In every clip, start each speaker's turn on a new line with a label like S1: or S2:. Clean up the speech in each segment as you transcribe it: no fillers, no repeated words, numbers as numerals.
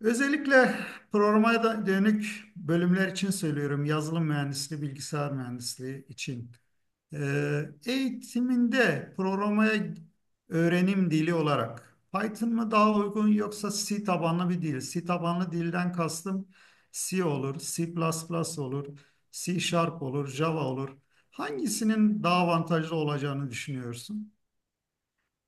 S1: Özellikle dönük bölümler için söylüyorum. Yazılım mühendisliği, bilgisayar mühendisliği için. Eğitiminde programaya öğrenim dili olarak Python mı daha uygun yoksa C tabanlı bir dil? C tabanlı dilden kastım C olur, C++ olur, C Sharp olur, Java olur. Hangisinin daha avantajlı olacağını düşünüyorsun?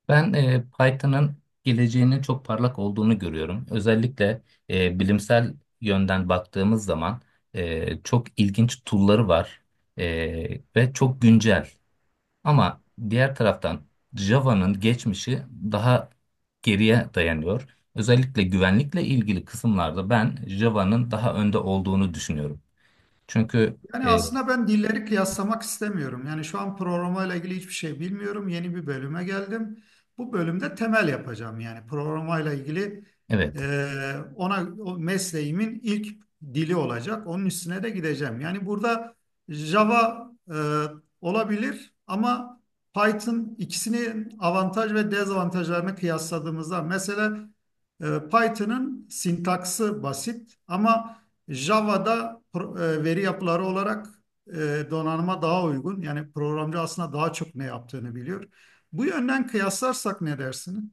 S2: Ben Python'ın geleceğinin çok parlak olduğunu görüyorum. Özellikle bilimsel yönden baktığımız zaman çok ilginç tool'ları var ve çok güncel. Ama diğer taraftan Java'nın geçmişi daha geriye dayanıyor. Özellikle güvenlikle ilgili kısımlarda ben Java'nın daha önde olduğunu düşünüyorum. Çünkü
S1: Yani
S2: e,
S1: aslında ben dilleri kıyaslamak istemiyorum. Yani şu an programla ilgili hiçbir şey bilmiyorum. Yeni bir bölüme geldim. Bu bölümde temel yapacağım. Yani programla ilgili
S2: evet.
S1: ona o mesleğimin ilk dili olacak. Onun üstüne de gideceğim. Yani burada Java olabilir ama Python ikisinin avantaj ve dezavantajlarını kıyasladığımızda mesela Python'ın sintaksı basit ama Java'da veri yapıları olarak donanıma daha uygun. Yani programcı aslında daha çok ne yaptığını biliyor. Bu yönden kıyaslarsak ne dersin?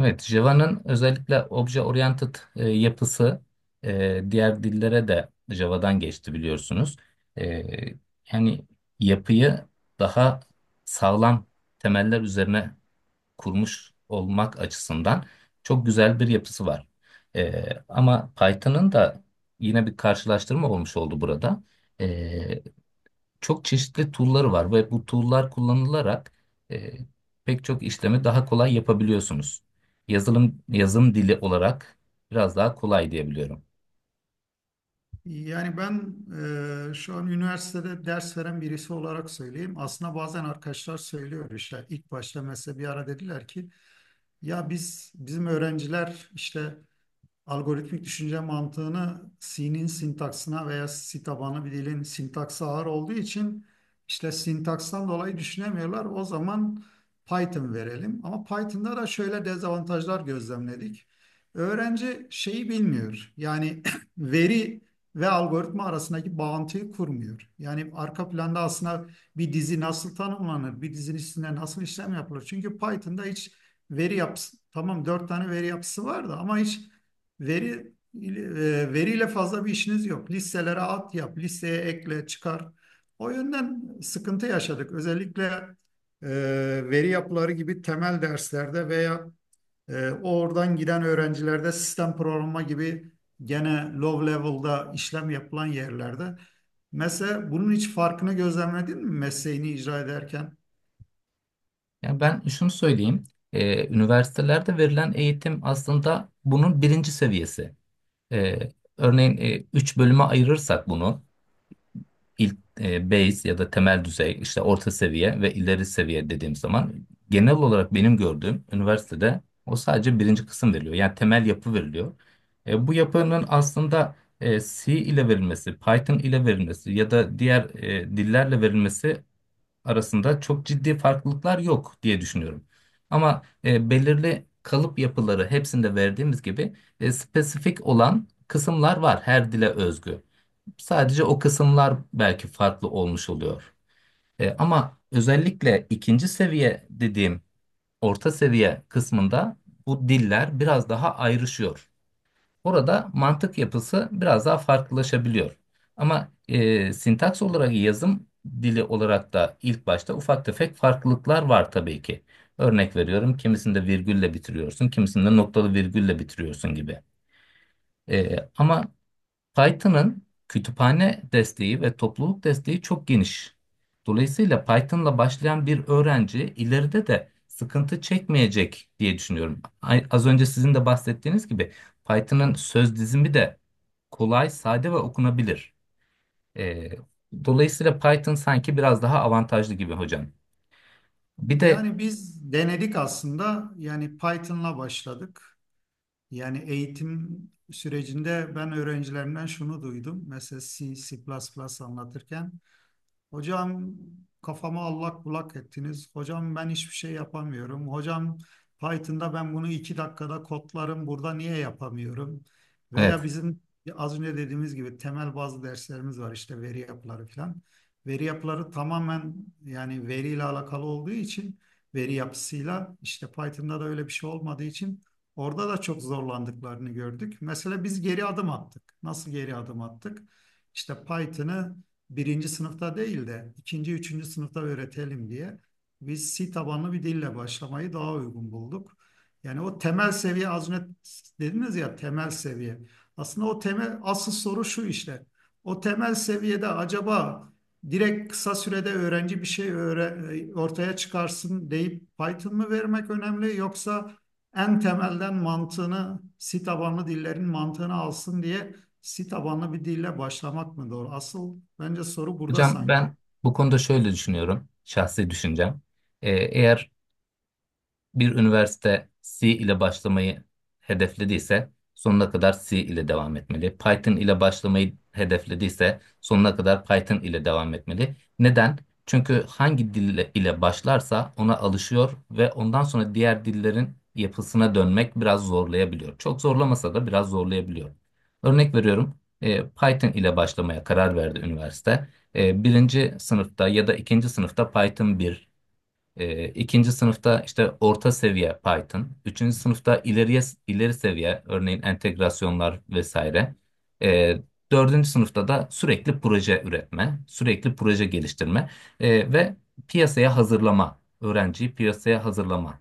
S2: Evet, Java'nın özellikle obje oriented yapısı diğer dillere de Java'dan geçti biliyorsunuz. E, yani yapıyı daha sağlam temeller üzerine kurmuş olmak açısından çok güzel bir yapısı var. E, ama Python'ın da yine bir karşılaştırma olmuş oldu burada. E, çok çeşitli tool'ları var ve bu tool'lar kullanılarak e, pek çok işlemi daha kolay yapabiliyorsunuz. Yazılım yazım dili olarak biraz daha kolay diyebiliyorum.
S1: Yani ben şu an üniversitede ders veren birisi olarak söyleyeyim. Aslında bazen arkadaşlar söylüyor, işte ilk başta mesela bir ara dediler ki ya bizim öğrenciler işte algoritmik düşünce mantığını C'nin sintaksına veya C tabanlı bir dilin sintaksı ağır olduğu için işte sintakstan dolayı düşünemiyorlar. O zaman Python verelim. Ama Python'da da şöyle dezavantajlar gözlemledik. Öğrenci şeyi bilmiyor. Yani veri ve algoritma arasındaki bağıntıyı kurmuyor. Yani arka planda aslında bir dizi nasıl tanımlanır, bir dizinin içinde nasıl işlem yapılır. Çünkü Python'da hiç veri yapısı, tamam dört tane veri yapısı var da ama hiç Veri veriyle fazla bir işiniz yok. Listelere at yap, listeye ekle, çıkar. O yönden sıkıntı yaşadık. Özellikle e, veri yapıları gibi temel derslerde veya oradan giden öğrencilerde sistem programı gibi gene low level'da işlem yapılan yerlerde. Mesela bunun hiç farkını gözlemledin mi mesleğini icra ederken?
S2: Yani ben şunu söyleyeyim, üniversitelerde verilen eğitim aslında bunun birinci seviyesi. E, örneğin 3 bölüme ayırırsak bunu. İlk base ya da temel düzey işte orta seviye ve ileri seviye dediğim zaman genel olarak benim gördüğüm üniversitede o sadece birinci kısım veriliyor. Yani temel yapı veriliyor. Bu yapının aslında C ile verilmesi, Python ile verilmesi ya da diğer dillerle verilmesi arasında çok ciddi farklılıklar yok diye düşünüyorum. Ama belirli kalıp yapıları hepsinde verdiğimiz gibi spesifik olan kısımlar var her dile özgü. Sadece o kısımlar belki farklı olmuş oluyor. Ama özellikle ikinci seviye dediğim orta seviye kısmında bu diller biraz daha ayrışıyor. Orada mantık yapısı biraz daha farklılaşabiliyor. Ama sintaks olarak yazım dili olarak da ilk başta ufak tefek farklılıklar var tabii ki. Örnek veriyorum kimisinde virgülle bitiriyorsun, kimisinde noktalı virgülle bitiriyorsun gibi. Ama Python'ın kütüphane desteği ve topluluk desteği çok geniş. Dolayısıyla Python'la başlayan bir öğrenci ileride de sıkıntı çekmeyecek diye düşünüyorum. Az önce sizin de bahsettiğiniz gibi Python'ın söz dizimi de kolay, sade ve okunabilir. Ee, dolayısıyla Python sanki biraz daha avantajlı gibi hocam. Bir de
S1: Yani biz denedik aslında. Yani Python'la başladık. Yani eğitim sürecinde ben öğrencilerimden şunu duydum. Mesela C, C++ anlatırken, "Hocam, kafamı allak bullak ettiniz. Hocam, ben hiçbir şey yapamıyorum. Hocam, Python'da ben bunu 2 dakikada kodlarım. Burada niye yapamıyorum?" Veya
S2: evet
S1: bizim az önce dediğimiz gibi temel bazı derslerimiz var, işte veri yapıları falan. Veri yapıları tamamen, yani veriyle alakalı olduğu için, veri yapısıyla işte Python'da da öyle bir şey olmadığı için orada da çok zorlandıklarını gördük. Mesela biz geri adım attık. Nasıl geri adım attık? İşte Python'ı birinci sınıfta değil de ikinci, üçüncü sınıfta öğretelim diye biz C tabanlı bir dille başlamayı daha uygun bulduk. Yani o temel seviye, az önce dediniz ya, temel seviye. Aslında o temel, asıl soru şu işte. O temel seviyede acaba direkt kısa sürede öğrenci bir şey ortaya çıkarsın deyip Python mı vermek önemli, yoksa en temelden mantığını, C tabanlı dillerin mantığını alsın diye Si tabanlı bir dille başlamak mı doğru? Asıl bence soru burada
S2: hocam
S1: sanki.
S2: ben bu konuda şöyle düşünüyorum, şahsi düşüncem. Eğer bir üniversite C ile başlamayı hedeflediyse sonuna kadar C ile devam etmeli. Python ile başlamayı hedeflediyse sonuna kadar Python ile devam etmeli. Neden? Çünkü hangi dil ile başlarsa ona alışıyor ve ondan sonra diğer dillerin yapısına dönmek biraz zorlayabiliyor. Çok zorlamasa da biraz zorlayabiliyor. Örnek veriyorum, Python ile başlamaya karar verdi üniversite. Birinci sınıfta ya da ikinci sınıfta Python 1, ikinci sınıfta işte orta seviye Python. Üçüncü sınıfta ileri seviye örneğin entegrasyonlar vesaire. E, dördüncü sınıfta da sürekli proje üretme, sürekli proje geliştirme ve piyasaya hazırlama, öğrenciyi piyasaya hazırlama.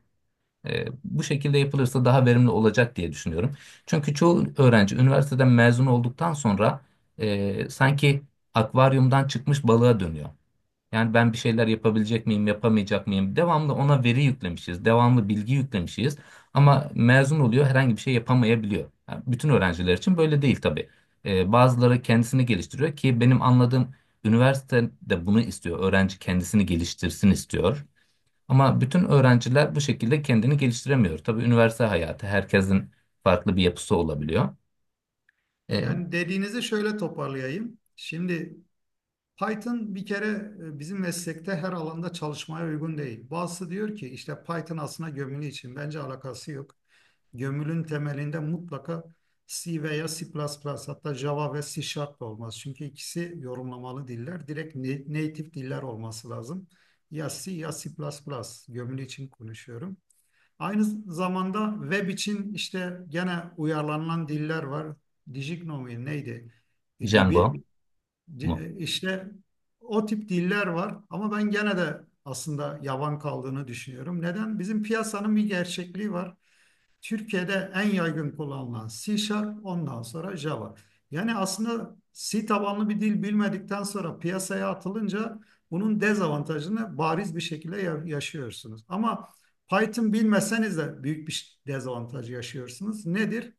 S2: Bu şekilde yapılırsa daha verimli olacak diye düşünüyorum. Çünkü çoğu öğrenci üniversiteden mezun olduktan sonra sanki akvaryumdan çıkmış balığa dönüyor. Yani ben bir şeyler yapabilecek miyim, yapamayacak mıyım? Devamlı ona veri yüklemişiz, devamlı bilgi yüklemişiz. Ama mezun oluyor, herhangi bir şey yapamayabiliyor. Yani bütün öğrenciler için böyle değil tabii. Bazıları kendisini geliştiriyor ki benim anladığım üniversite de bunu istiyor. Öğrenci kendisini geliştirsin istiyor. Ama bütün öğrenciler bu şekilde kendini geliştiremiyor. Tabii üniversite hayatı herkesin farklı bir yapısı olabiliyor. Ee,
S1: Yani dediğinizi şöyle toparlayayım. Şimdi Python bir kere bizim meslekte her alanda çalışmaya uygun değil. Bazısı diyor ki işte Python aslında gömülü için. Bence alakası yok. Gömülün temelinde mutlaka C veya C++ plus plus, hatta Java ve C Sharp olmaz. Çünkü ikisi yorumlamalı diller. Direkt native diller olması lazım. Ya C ya C++ plus plus. Gömülü için konuşuyorum. Aynı zamanda web için işte gene uyarlanan diller var. Dijiknomi neydi
S2: Django
S1: gibi,
S2: mu?
S1: işte o tip diller var ama ben gene de aslında yavan kaldığını düşünüyorum. Neden? Bizim piyasanın bir gerçekliği var. Türkiye'de en yaygın kullanılan C Sharp, ondan sonra Java. Yani aslında C tabanlı bir dil bilmedikten sonra piyasaya atılınca bunun dezavantajını bariz bir şekilde yaşıyorsunuz. Ama Python bilmeseniz de büyük bir dezavantaj yaşıyorsunuz. Nedir?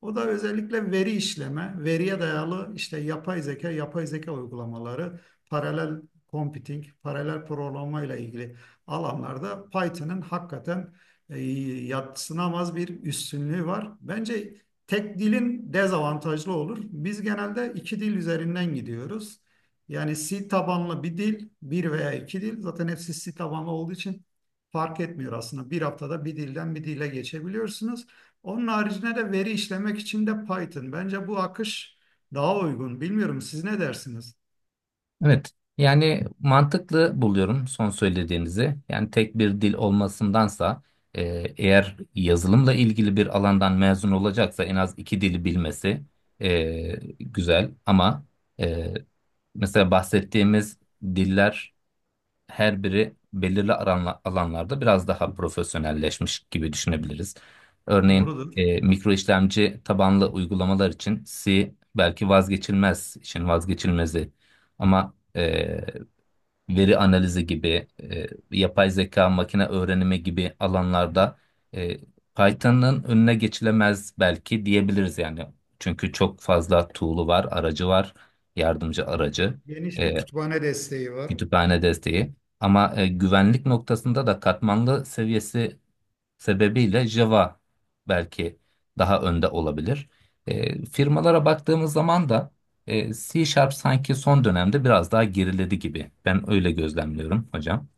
S1: O da özellikle veri işleme, veriye dayalı işte yapay zeka, yapay zeka uygulamaları, paralel computing, paralel programlamayla ilgili alanlarda Python'ın hakikaten e, yadsınamaz bir üstünlüğü var. Bence tek dilin dezavantajlı olur. Biz genelde iki dil üzerinden gidiyoruz. Yani C tabanlı bir dil, bir veya iki dil. Zaten hepsi C tabanlı olduğu için fark etmiyor aslında. Bir haftada bir dilden bir dile geçebiliyorsunuz. Onun haricinde de veri işlemek için de Python. Bence bu akış daha uygun. Bilmiyorum, siz ne dersiniz?
S2: Evet. Yani mantıklı buluyorum son söylediğinizi. Yani tek bir dil olmasındansa e, eğer yazılımla ilgili bir alandan mezun olacaksa en az iki dili bilmesi e, güzel. Ama e, mesela bahsettiğimiz diller her biri belirli alanlarda biraz daha profesyonelleşmiş gibi düşünebiliriz. Örneğin
S1: Doğrudur.
S2: mikro işlemci tabanlı uygulamalar için C belki vazgeçilmez, işin vazgeçilmezi. Ama veri analizi gibi, yapay zeka, makine öğrenimi gibi alanlarda e, Python'ın önüne geçilemez belki diyebiliriz yani. Çünkü çok fazla tool'u var, aracı var, yardımcı aracı.
S1: Geniş bir
S2: E,
S1: kütüphane desteği var.
S2: kütüphane desteği. Ama güvenlik noktasında da katmanlı seviyesi sebebiyle Java belki daha önde olabilir. Firmalara baktığımız zaman da C Sharp sanki son dönemde biraz daha geriledi gibi. Ben öyle gözlemliyorum hocam.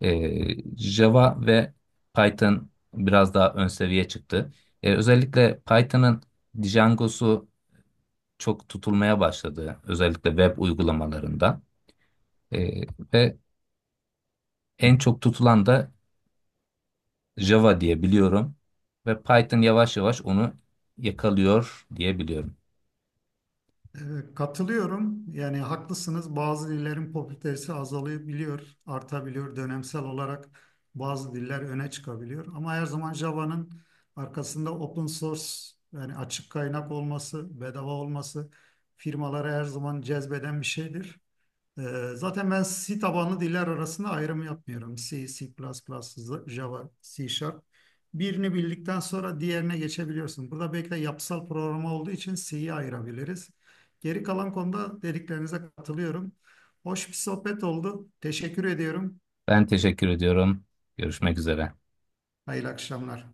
S2: Java ve Python biraz daha ön seviye çıktı. Özellikle Python'ın Django'su çok tutulmaya başladı. Özellikle web uygulamalarında. E, ve en çok tutulan da Java diye biliyorum ve Python yavaş yavaş onu yakalıyor diye biliyorum.
S1: Katılıyorum. Yani haklısınız. Bazı dillerin popülaritesi azalabiliyor, artabiliyor. Dönemsel olarak bazı diller öne çıkabiliyor. Ama her zaman Java'nın arkasında open source, yani açık kaynak olması, bedava olması firmaları her zaman cezbeden bir şeydir. Zaten ben C tabanlı diller arasında ayrım yapmıyorum. C, C++, Java, C Sharp. Birini bildikten sonra diğerine geçebiliyorsun. Burada belki de yapısal programa olduğu için C'yi ayırabiliriz. Geri kalan konuda dediklerinize katılıyorum. Hoş bir sohbet oldu. Teşekkür ediyorum.
S2: Ben teşekkür ediyorum. Görüşmek üzere.
S1: Hayırlı akşamlar.